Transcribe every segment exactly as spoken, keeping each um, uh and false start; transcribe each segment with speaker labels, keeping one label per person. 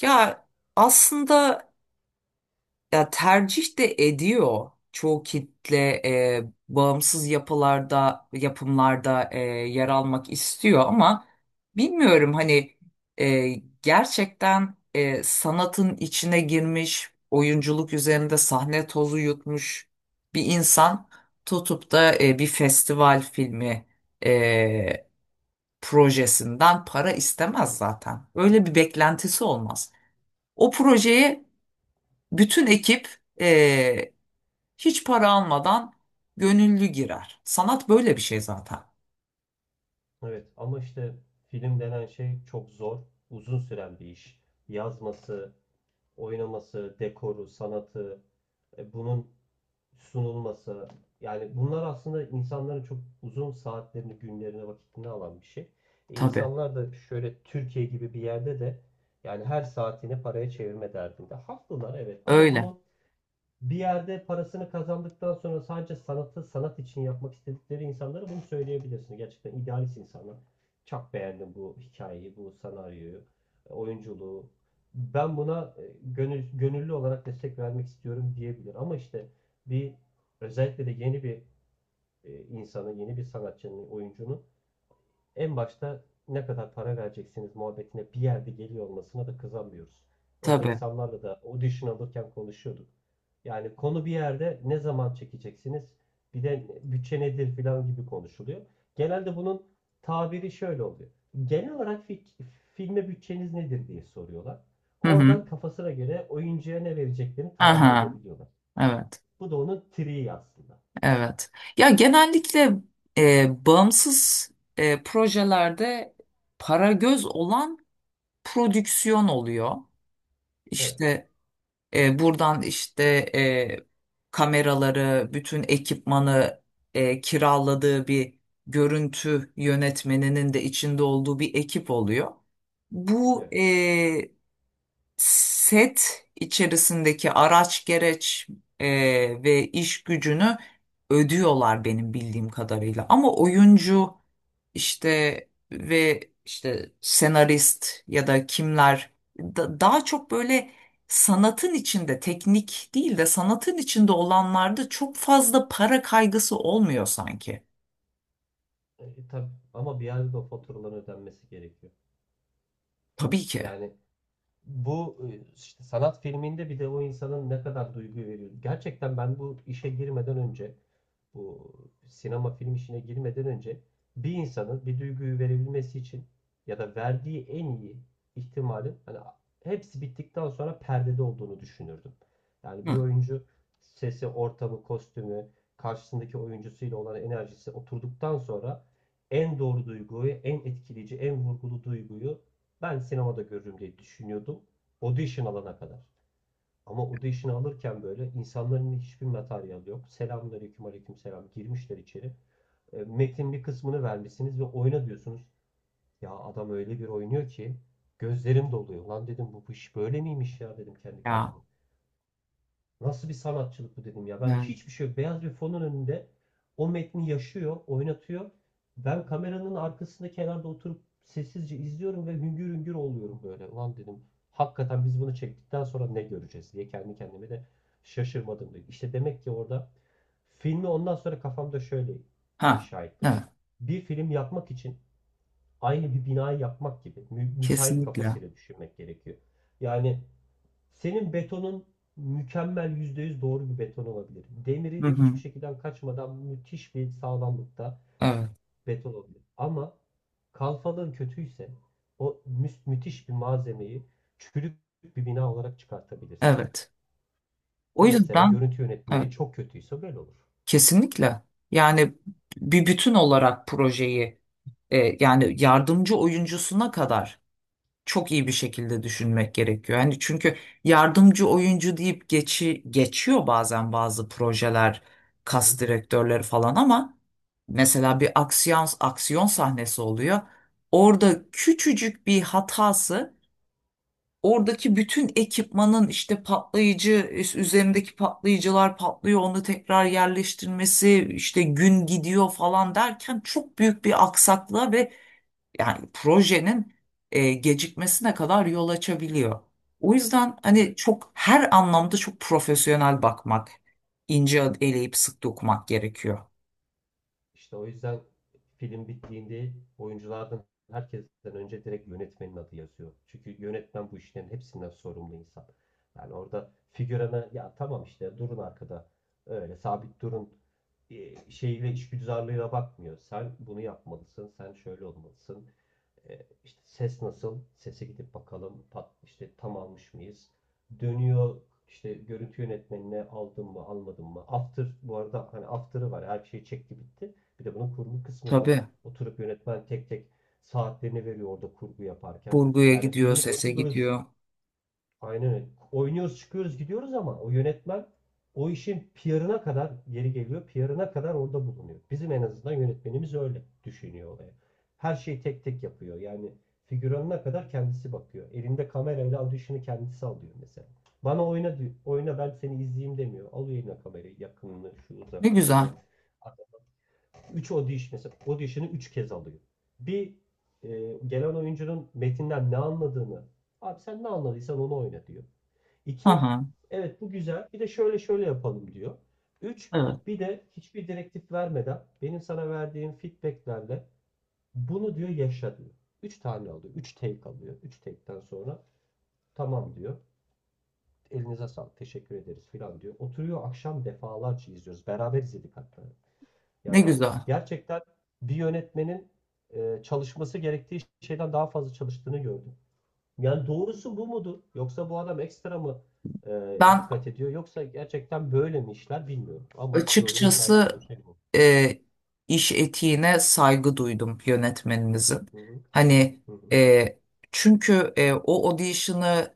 Speaker 1: Ya aslında ya tercih de ediyor çoğu kitle e, bağımsız yapılarda yapımlarda e, yer almak istiyor ama bilmiyorum hani e, Gerçekten e, sanatın içine girmiş oyunculuk üzerinde sahne tozu yutmuş bir insan tutup da e, bir festival filmi e, projesinden para istemez, zaten öyle bir beklentisi olmaz. O projeye bütün ekip eee, hiç para almadan gönüllü girer. Sanat böyle bir şey zaten.
Speaker 2: Evet ama işte film denen şey çok zor, uzun süren bir iş. Yazması, oynaması, dekoru, sanatı, e, bunun sunulması. Yani bunlar aslında insanların çok uzun saatlerini, günlerini, vakitini alan bir şey. E,
Speaker 1: Tabii.
Speaker 2: İnsanlar da şöyle Türkiye gibi bir yerde de yani her saatini paraya çevirme derdinde. Haklılar, evet, ama
Speaker 1: Öyle.
Speaker 2: bunu bir yerde parasını kazandıktan sonra sadece sanatı sanat için yapmak istedikleri insanlara bunu söyleyebilirsin. Gerçekten idealist insanlar. Çok beğendim bu hikayeyi, bu senaryoyu, oyunculuğu. Ben buna e, gönül, gönüllü olarak destek vermek istiyorum diyebilir. Ama işte bir özellikle de yeni bir e, insanın, yeni bir sanatçının, oyuncunun en başta ne kadar para vereceksiniz muhabbetine bir yerde geliyor olmasına da kızamıyoruz. Öyle
Speaker 1: Tabii.
Speaker 2: insanlarla da audition alırken konuşuyorduk. Yani konu bir yerde ne zaman çekeceksiniz, bir de bütçe nedir filan gibi konuşuluyor. Genelde bunun tabiri şöyle oluyor. Genel olarak fik- filme bütçeniz nedir diye soruyorlar.
Speaker 1: Hı hı.
Speaker 2: Oradan kafasına göre oyuncuya ne vereceklerini tahmin
Speaker 1: Aha.
Speaker 2: edebiliyorlar.
Speaker 1: Evet.
Speaker 2: Bu da onun triği aslında.
Speaker 1: Evet. Ya genellikle e, bağımsız e, projelerde para göz olan prodüksiyon oluyor.
Speaker 2: Evet,
Speaker 1: İşte E, buradan işte e, kameraları, bütün ekipmanı e, kiraladığı bir görüntü yönetmeninin de içinde olduğu bir ekip oluyor. Bu
Speaker 2: evet.
Speaker 1: e, set içerisindeki araç gereç e, ve iş gücünü ödüyorlar benim bildiğim kadarıyla. Ama oyuncu işte ve işte senarist ya da kimler da- daha çok böyle sanatın içinde teknik değil de sanatın içinde olanlarda çok fazla para kaygısı olmuyor sanki.
Speaker 2: E, tabii ama bir yerde de o faturaların ödenmesi gerekiyor.
Speaker 1: Tabii ki.
Speaker 2: Yani bu, e, işte sanat filminde bir de o insanın ne kadar duygu veriyor. Gerçekten ben bu işe girmeden önce, bu sinema film işine girmeden önce bir insanın bir duyguyu verebilmesi için ya da verdiği en iyi ihtimalin hani hepsi bittikten sonra perdede olduğunu düşünürdüm. Yani bir
Speaker 1: Hı.
Speaker 2: oyuncu sesi, ortamı, kostümü, karşısındaki oyuncusuyla olan enerjisi oturduktan sonra en doğru duyguyu, en etkileyici, en vurgulu duyguyu ben sinemada görürüm diye düşünüyordum. Audition alana kadar. Ama audition alırken böyle insanların hiçbir materyali yok. Selamünaleyküm, aleykümselam girmişler içeri. E, Metin bir kısmını vermişsiniz ve oyna diyorsunuz. Ya adam öyle bir oynuyor ki gözlerim doluyor. Lan dedim bu iş böyle miymiş ya dedim kendi
Speaker 1: Ya.
Speaker 2: kendime. Nasıl bir sanatçılık bu dedim ya. Ben
Speaker 1: Evet.
Speaker 2: hiçbir şey yok. Beyaz bir fonun önünde o metni yaşıyor, oynatıyor. Ben kameranın arkasında kenarda oturup sessizce izliyorum ve hüngür hüngür oluyorum böyle. Ulan dedim hakikaten biz bunu çektikten sonra ne göreceğiz diye kendi kendime de şaşırmadım, dedi. İşte demek ki orada filmi ondan sonra kafamda şöyle
Speaker 1: Ha.
Speaker 2: inşa ettim.
Speaker 1: Evet.
Speaker 2: Bir film yapmak için aynı bir binayı yapmak gibi mü- müteahhit
Speaker 1: Kesinlikle.
Speaker 2: kafasıyla düşünmek gerekiyor. Yani senin betonun mükemmel yüzde yüz doğru bir beton olabilir.
Speaker 1: Hı
Speaker 2: Demirin hiçbir
Speaker 1: hı.
Speaker 2: şekilden kaçmadan müthiş bir sağlamlıkta
Speaker 1: Evet.
Speaker 2: beton olabilir. Ama kalfalığın kötüyse o mü- müthiş bir malzemeyi çürük bir bina olarak çıkartabilirsin.
Speaker 1: Evet. O
Speaker 2: Bu
Speaker 1: yüzden
Speaker 2: mesela görüntü
Speaker 1: evet,
Speaker 2: yönetmeyi çok kötüyse böyle olur.
Speaker 1: kesinlikle, yani bir bütün olarak projeyi e, yani yardımcı oyuncusuna kadar çok iyi bir şekilde düşünmek gerekiyor. Yani çünkü yardımcı oyuncu deyip geçi, geçiyor bazen bazı projeler,
Speaker 2: Hı hı.
Speaker 1: kas direktörleri falan ama mesela bir aksiyon, aksiyon sahnesi oluyor. Orada küçücük bir hatası, oradaki bütün ekipmanın işte patlayıcı üzerindeki patlayıcılar patlıyor, onu tekrar yerleştirmesi işte gün gidiyor falan derken çok büyük bir aksaklığa ve yani projenin e, gecikmesine kadar yol açabiliyor. O yüzden hani
Speaker 2: Evet.
Speaker 1: çok her anlamda çok profesyonel bakmak, ince eleyip sık dokumak gerekiyor.
Speaker 2: İşte o yüzden film bittiğinde oyunculardan herkesten önce direkt yönetmenin adı yazıyor. Çünkü yönetmen bu işlerin hepsinden sorumlu insan. Yani orada figürana ya tamam işte durun arkada öyle sabit durun e, şeyle işgüzarlığına bakmıyor. Sen bunu yapmalısın, sen şöyle olmalısın. E, işte ses nasıl? Sese gidip bakalım. Pat, işte tam almış mıyız? Dönüyor işte görüntü yönetmenine aldım mı almadım mı? After bu arada hani after'ı var. Her şey çekti bitti. Bir de bunun kurgu kısmı var.
Speaker 1: Tabii,
Speaker 2: Oturup yönetmen tek tek saatlerini veriyor orada kurgu yaparken.
Speaker 1: kurguya
Speaker 2: Yani
Speaker 1: gidiyor,
Speaker 2: filmi
Speaker 1: sese
Speaker 2: oynuyoruz.
Speaker 1: gidiyor.
Speaker 2: Aynen öyle. Oynuyoruz, çıkıyoruz, gidiyoruz ama o yönetmen o işin P R'ına kadar geri geliyor, P R'ına kadar orada bulunuyor. Bizim en azından yönetmenimiz öyle düşünüyor olaya. Her şeyi tek tek yapıyor. Yani figüranına kadar kendisi bakıyor. Elinde kamerayla audition'ı kendisi alıyor mesela. Bana oyna diyor, oyna ben seni izleyeyim demiyor. Alıyor eline kamerayı yakınını, şu
Speaker 1: Ne güzel.
Speaker 2: uzaklaşıyor. üç audition mesela audition'ı üç kez alıyor. Bir, e, gelen oyuncunun metinden ne anladığını, abi sen ne anladıysan onu oyna diyor.
Speaker 1: Hı
Speaker 2: iki.
Speaker 1: hı.
Speaker 2: Evet bu güzel. Bir de şöyle şöyle yapalım diyor. Üç,
Speaker 1: Evet.
Speaker 2: bir de hiçbir direktif vermeden benim sana verdiğim feedbacklerle bunu diyor yaşa diyor. üç tane alıyor. Üç take alıyor. Üç take'ten sonra tamam diyor. Elinize sağlık. Teşekkür ederiz filan diyor. Oturuyor akşam defalarca izliyoruz. Beraber izledik hatta.
Speaker 1: Ne
Speaker 2: Yani
Speaker 1: güzel.
Speaker 2: gerçekten bir yönetmenin e, çalışması gerektiği şeyden daha fazla çalıştığını gördüm. Yani doğrusu bu mudur? Yoksa bu adam ekstra mı e,
Speaker 1: Ben
Speaker 2: dikkat ediyor? Yoksa gerçekten böyle mi işler bilmiyorum. Ama gördüğüm şahit olduğum
Speaker 1: açıkçası
Speaker 2: şey bu.
Speaker 1: e, iş etiğine saygı duydum yönetmeninizin.
Speaker 2: Hı hı,
Speaker 1: Hani
Speaker 2: hı hı,
Speaker 1: e, çünkü e, o audition'ı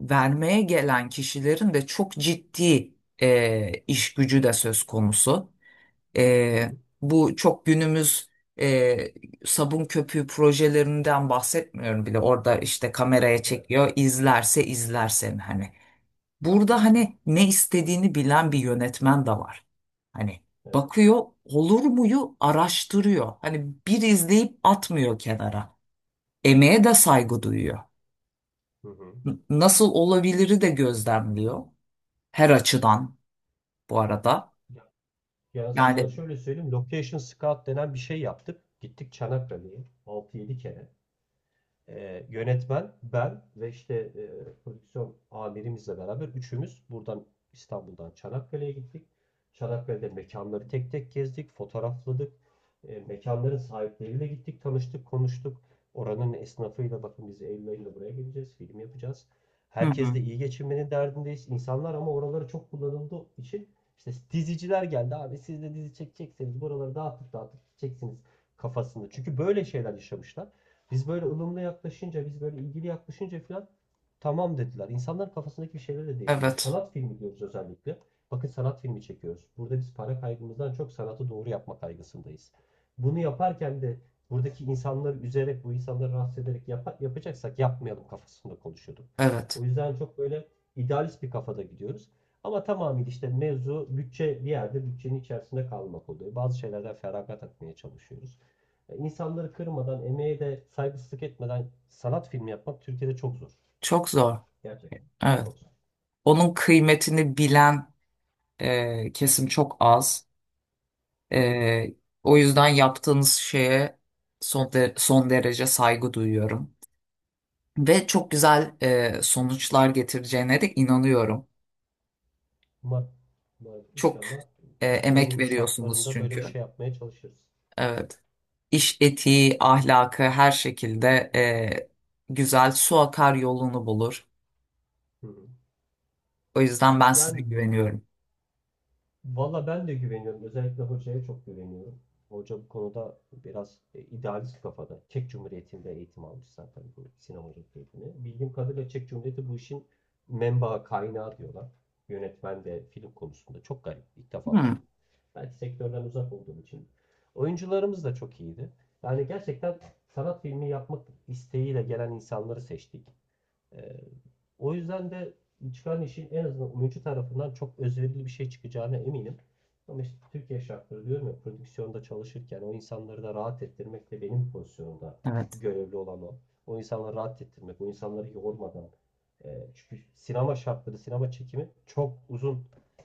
Speaker 1: vermeye gelen kişilerin de çok ciddi e, iş gücü de söz konusu.
Speaker 2: hı
Speaker 1: E,
Speaker 2: hı.
Speaker 1: Bu çok günümüz e, sabun köpüğü projelerinden bahsetmiyorum bile. Orada işte kameraya
Speaker 2: Evet.
Speaker 1: çekiyor, izlerse izler seni hani.
Speaker 2: Hı hı,
Speaker 1: Burada hani ne istediğini bilen bir yönetmen de var. Hani
Speaker 2: evet.
Speaker 1: bakıyor, olur muyu araştırıyor. Hani bir izleyip atmıyor kenara. Emeğe de saygı duyuyor.
Speaker 2: Hı hı.
Speaker 1: N- Nasıl olabiliri de gözlemliyor. Her açıdan bu arada.
Speaker 2: Ya, ya sana
Speaker 1: Yani
Speaker 2: şöyle söyleyeyim. Location scout denen bir şey yaptık. Gittik Çanakkale'ye altı yedi kere. E, yönetmen, ben ve işte e, prodüksiyon amirimizle beraber üçümüz buradan İstanbul'dan Çanakkale'ye gittik. Çanakkale'de mekanları tek tek gezdik, fotoğrafladık. E, mekanların sahipleriyle gittik, tanıştık, konuştuk. Oranın esnafıyla bakın biz Eylül ayında buraya geleceğiz, film yapacağız.
Speaker 1: hı
Speaker 2: Herkes
Speaker 1: hı,
Speaker 2: de iyi geçinmenin derdindeyiz. İnsanlar ama oraları çok kullanıldığı için işte diziciler geldi abi siz de dizi çekecekseniz buraları dağıtıp dağıtıp çeksiniz kafasında. Çünkü böyle şeyler yaşamışlar. Biz böyle ılımlı yaklaşınca, biz böyle ilgili yaklaşınca falan tamam dediler. İnsanların kafasındaki bir şeyleri de değiştiriyoruz.
Speaker 1: evet
Speaker 2: Sanat filmi diyoruz özellikle. Bakın sanat filmi çekiyoruz. Burada biz para kaygımızdan çok sanatı doğru yapma kaygısındayız. Bunu yaparken de buradaki insanları üzerek, bu insanları rahatsız ederek yap yapacaksak yapmayalım kafasında konuşuyorduk.
Speaker 1: evet,
Speaker 2: O yüzden çok böyle idealist bir kafada gidiyoruz. Ama tamamıyla işte mevzu bütçe bir yerde bütçenin içerisinde kalmak oluyor. Bazı şeylerden feragat etmeye çalışıyoruz. E, İnsanları kırmadan, emeğe de saygısızlık etmeden sanat filmi yapmak Türkiye'de çok zor.
Speaker 1: çok zor.
Speaker 2: Gerçekten.
Speaker 1: Evet.
Speaker 2: Çok zor.
Speaker 1: Onun kıymetini bilen e, kesim çok az.
Speaker 2: Hı hı.
Speaker 1: E, O yüzden yaptığınız şeye son, de- son derece saygı duyuyorum. Ve çok güzel e, sonuçlar getireceğine de inanıyorum.
Speaker 2: Umarım, umarım,
Speaker 1: Çok
Speaker 2: inşallah
Speaker 1: e, emek
Speaker 2: Türkiye'nin
Speaker 1: veriyorsunuz
Speaker 2: şartlarında böyle bir
Speaker 1: çünkü.
Speaker 2: şey yapmaya çalışırız.
Speaker 1: Evet. İş etiği, ahlakı her şekilde
Speaker 2: Hı hı.
Speaker 1: e, güzel, su akar yolunu bulur.
Speaker 2: Hı hı.
Speaker 1: O yüzden ben size
Speaker 2: Yani
Speaker 1: güveniyorum.
Speaker 2: valla ben de güveniyorum. Özellikle hocaya çok güveniyorum. Hoca bu konuda biraz e, idealist kafada. Çek Cumhuriyeti'nde eğitim almış zaten bu sinemacılık eğitimi. Bildiğim kadarıyla Çek Cumhuriyeti bu işin menbaı kaynağı diyorlar. Yönetmen de film konusunda. Çok garip. İlk defa duydum.
Speaker 1: Hmm,
Speaker 2: Belki sektörden uzak olduğum için. Oyuncularımız da çok iyiydi. Yani gerçekten sanat filmi yapmak isteğiyle gelen insanları seçtik. Ee, O yüzden de çıkan işin en azından oyuncu tarafından çok özverili bir şey çıkacağına eminim. Ama işte Türkiye şartları diyorum ya prodüksiyonda çalışırken o insanları da rahat ettirmek de benim pozisyonumda
Speaker 1: evet.
Speaker 2: görevli olan o. O insanları rahat ettirmek, o insanları yormadan. e, Çünkü sinema şartları, sinema çekimi çok uzun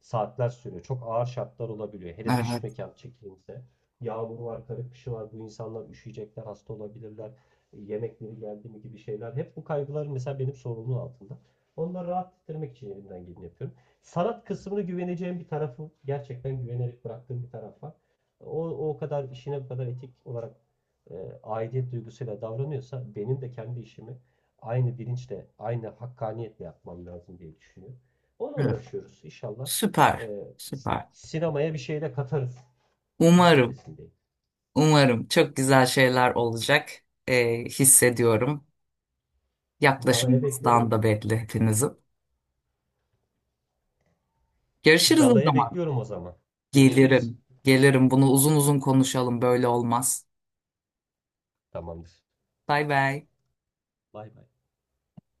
Speaker 2: saatler sürüyor. Çok ağır şartlar olabiliyor. Hele dış
Speaker 1: Evet.
Speaker 2: mekan çekimse. Yağmur var, kara kışı var. Bu insanlar üşüyecekler, hasta olabilirler, yemekleri geldi mi gibi şeyler. Hep bu kaygılar mesela benim sorumluluğum altında. Onları rahat ettirmek için elimden geleni yapıyorum. Sanat kısmını güveneceğim bir tarafı, gerçekten güvenerek bıraktığım bir taraf var. O, o kadar işine bu kadar etik olarak e, aidiyet duygusuyla davranıyorsa benim de kendi işimi aynı bilinçle, aynı hakkaniyetle yapmam lazım diye düşünüyorum. Ona
Speaker 1: Evet.
Speaker 2: uğraşıyoruz. İnşallah
Speaker 1: Süper.
Speaker 2: e,
Speaker 1: Süper.
Speaker 2: sinemaya bir şey de katarız
Speaker 1: Umarım,
Speaker 2: düşüncesindeyim.
Speaker 1: umarım çok güzel şeyler olacak e,
Speaker 2: İnşallah.
Speaker 1: hissediyorum.
Speaker 2: Galaya beklerim o
Speaker 1: Yaklaşımınızdan da
Speaker 2: zaman.
Speaker 1: belli hepinizin. Görüşürüz o
Speaker 2: Galaya
Speaker 1: zaman.
Speaker 2: bekliyorum o zaman. Görüşürüz.
Speaker 1: Gelirim. Gelirim. Bunu uzun uzun konuşalım. Böyle olmaz.
Speaker 2: Tamamdır.
Speaker 1: Bay bay.
Speaker 2: Bay bay.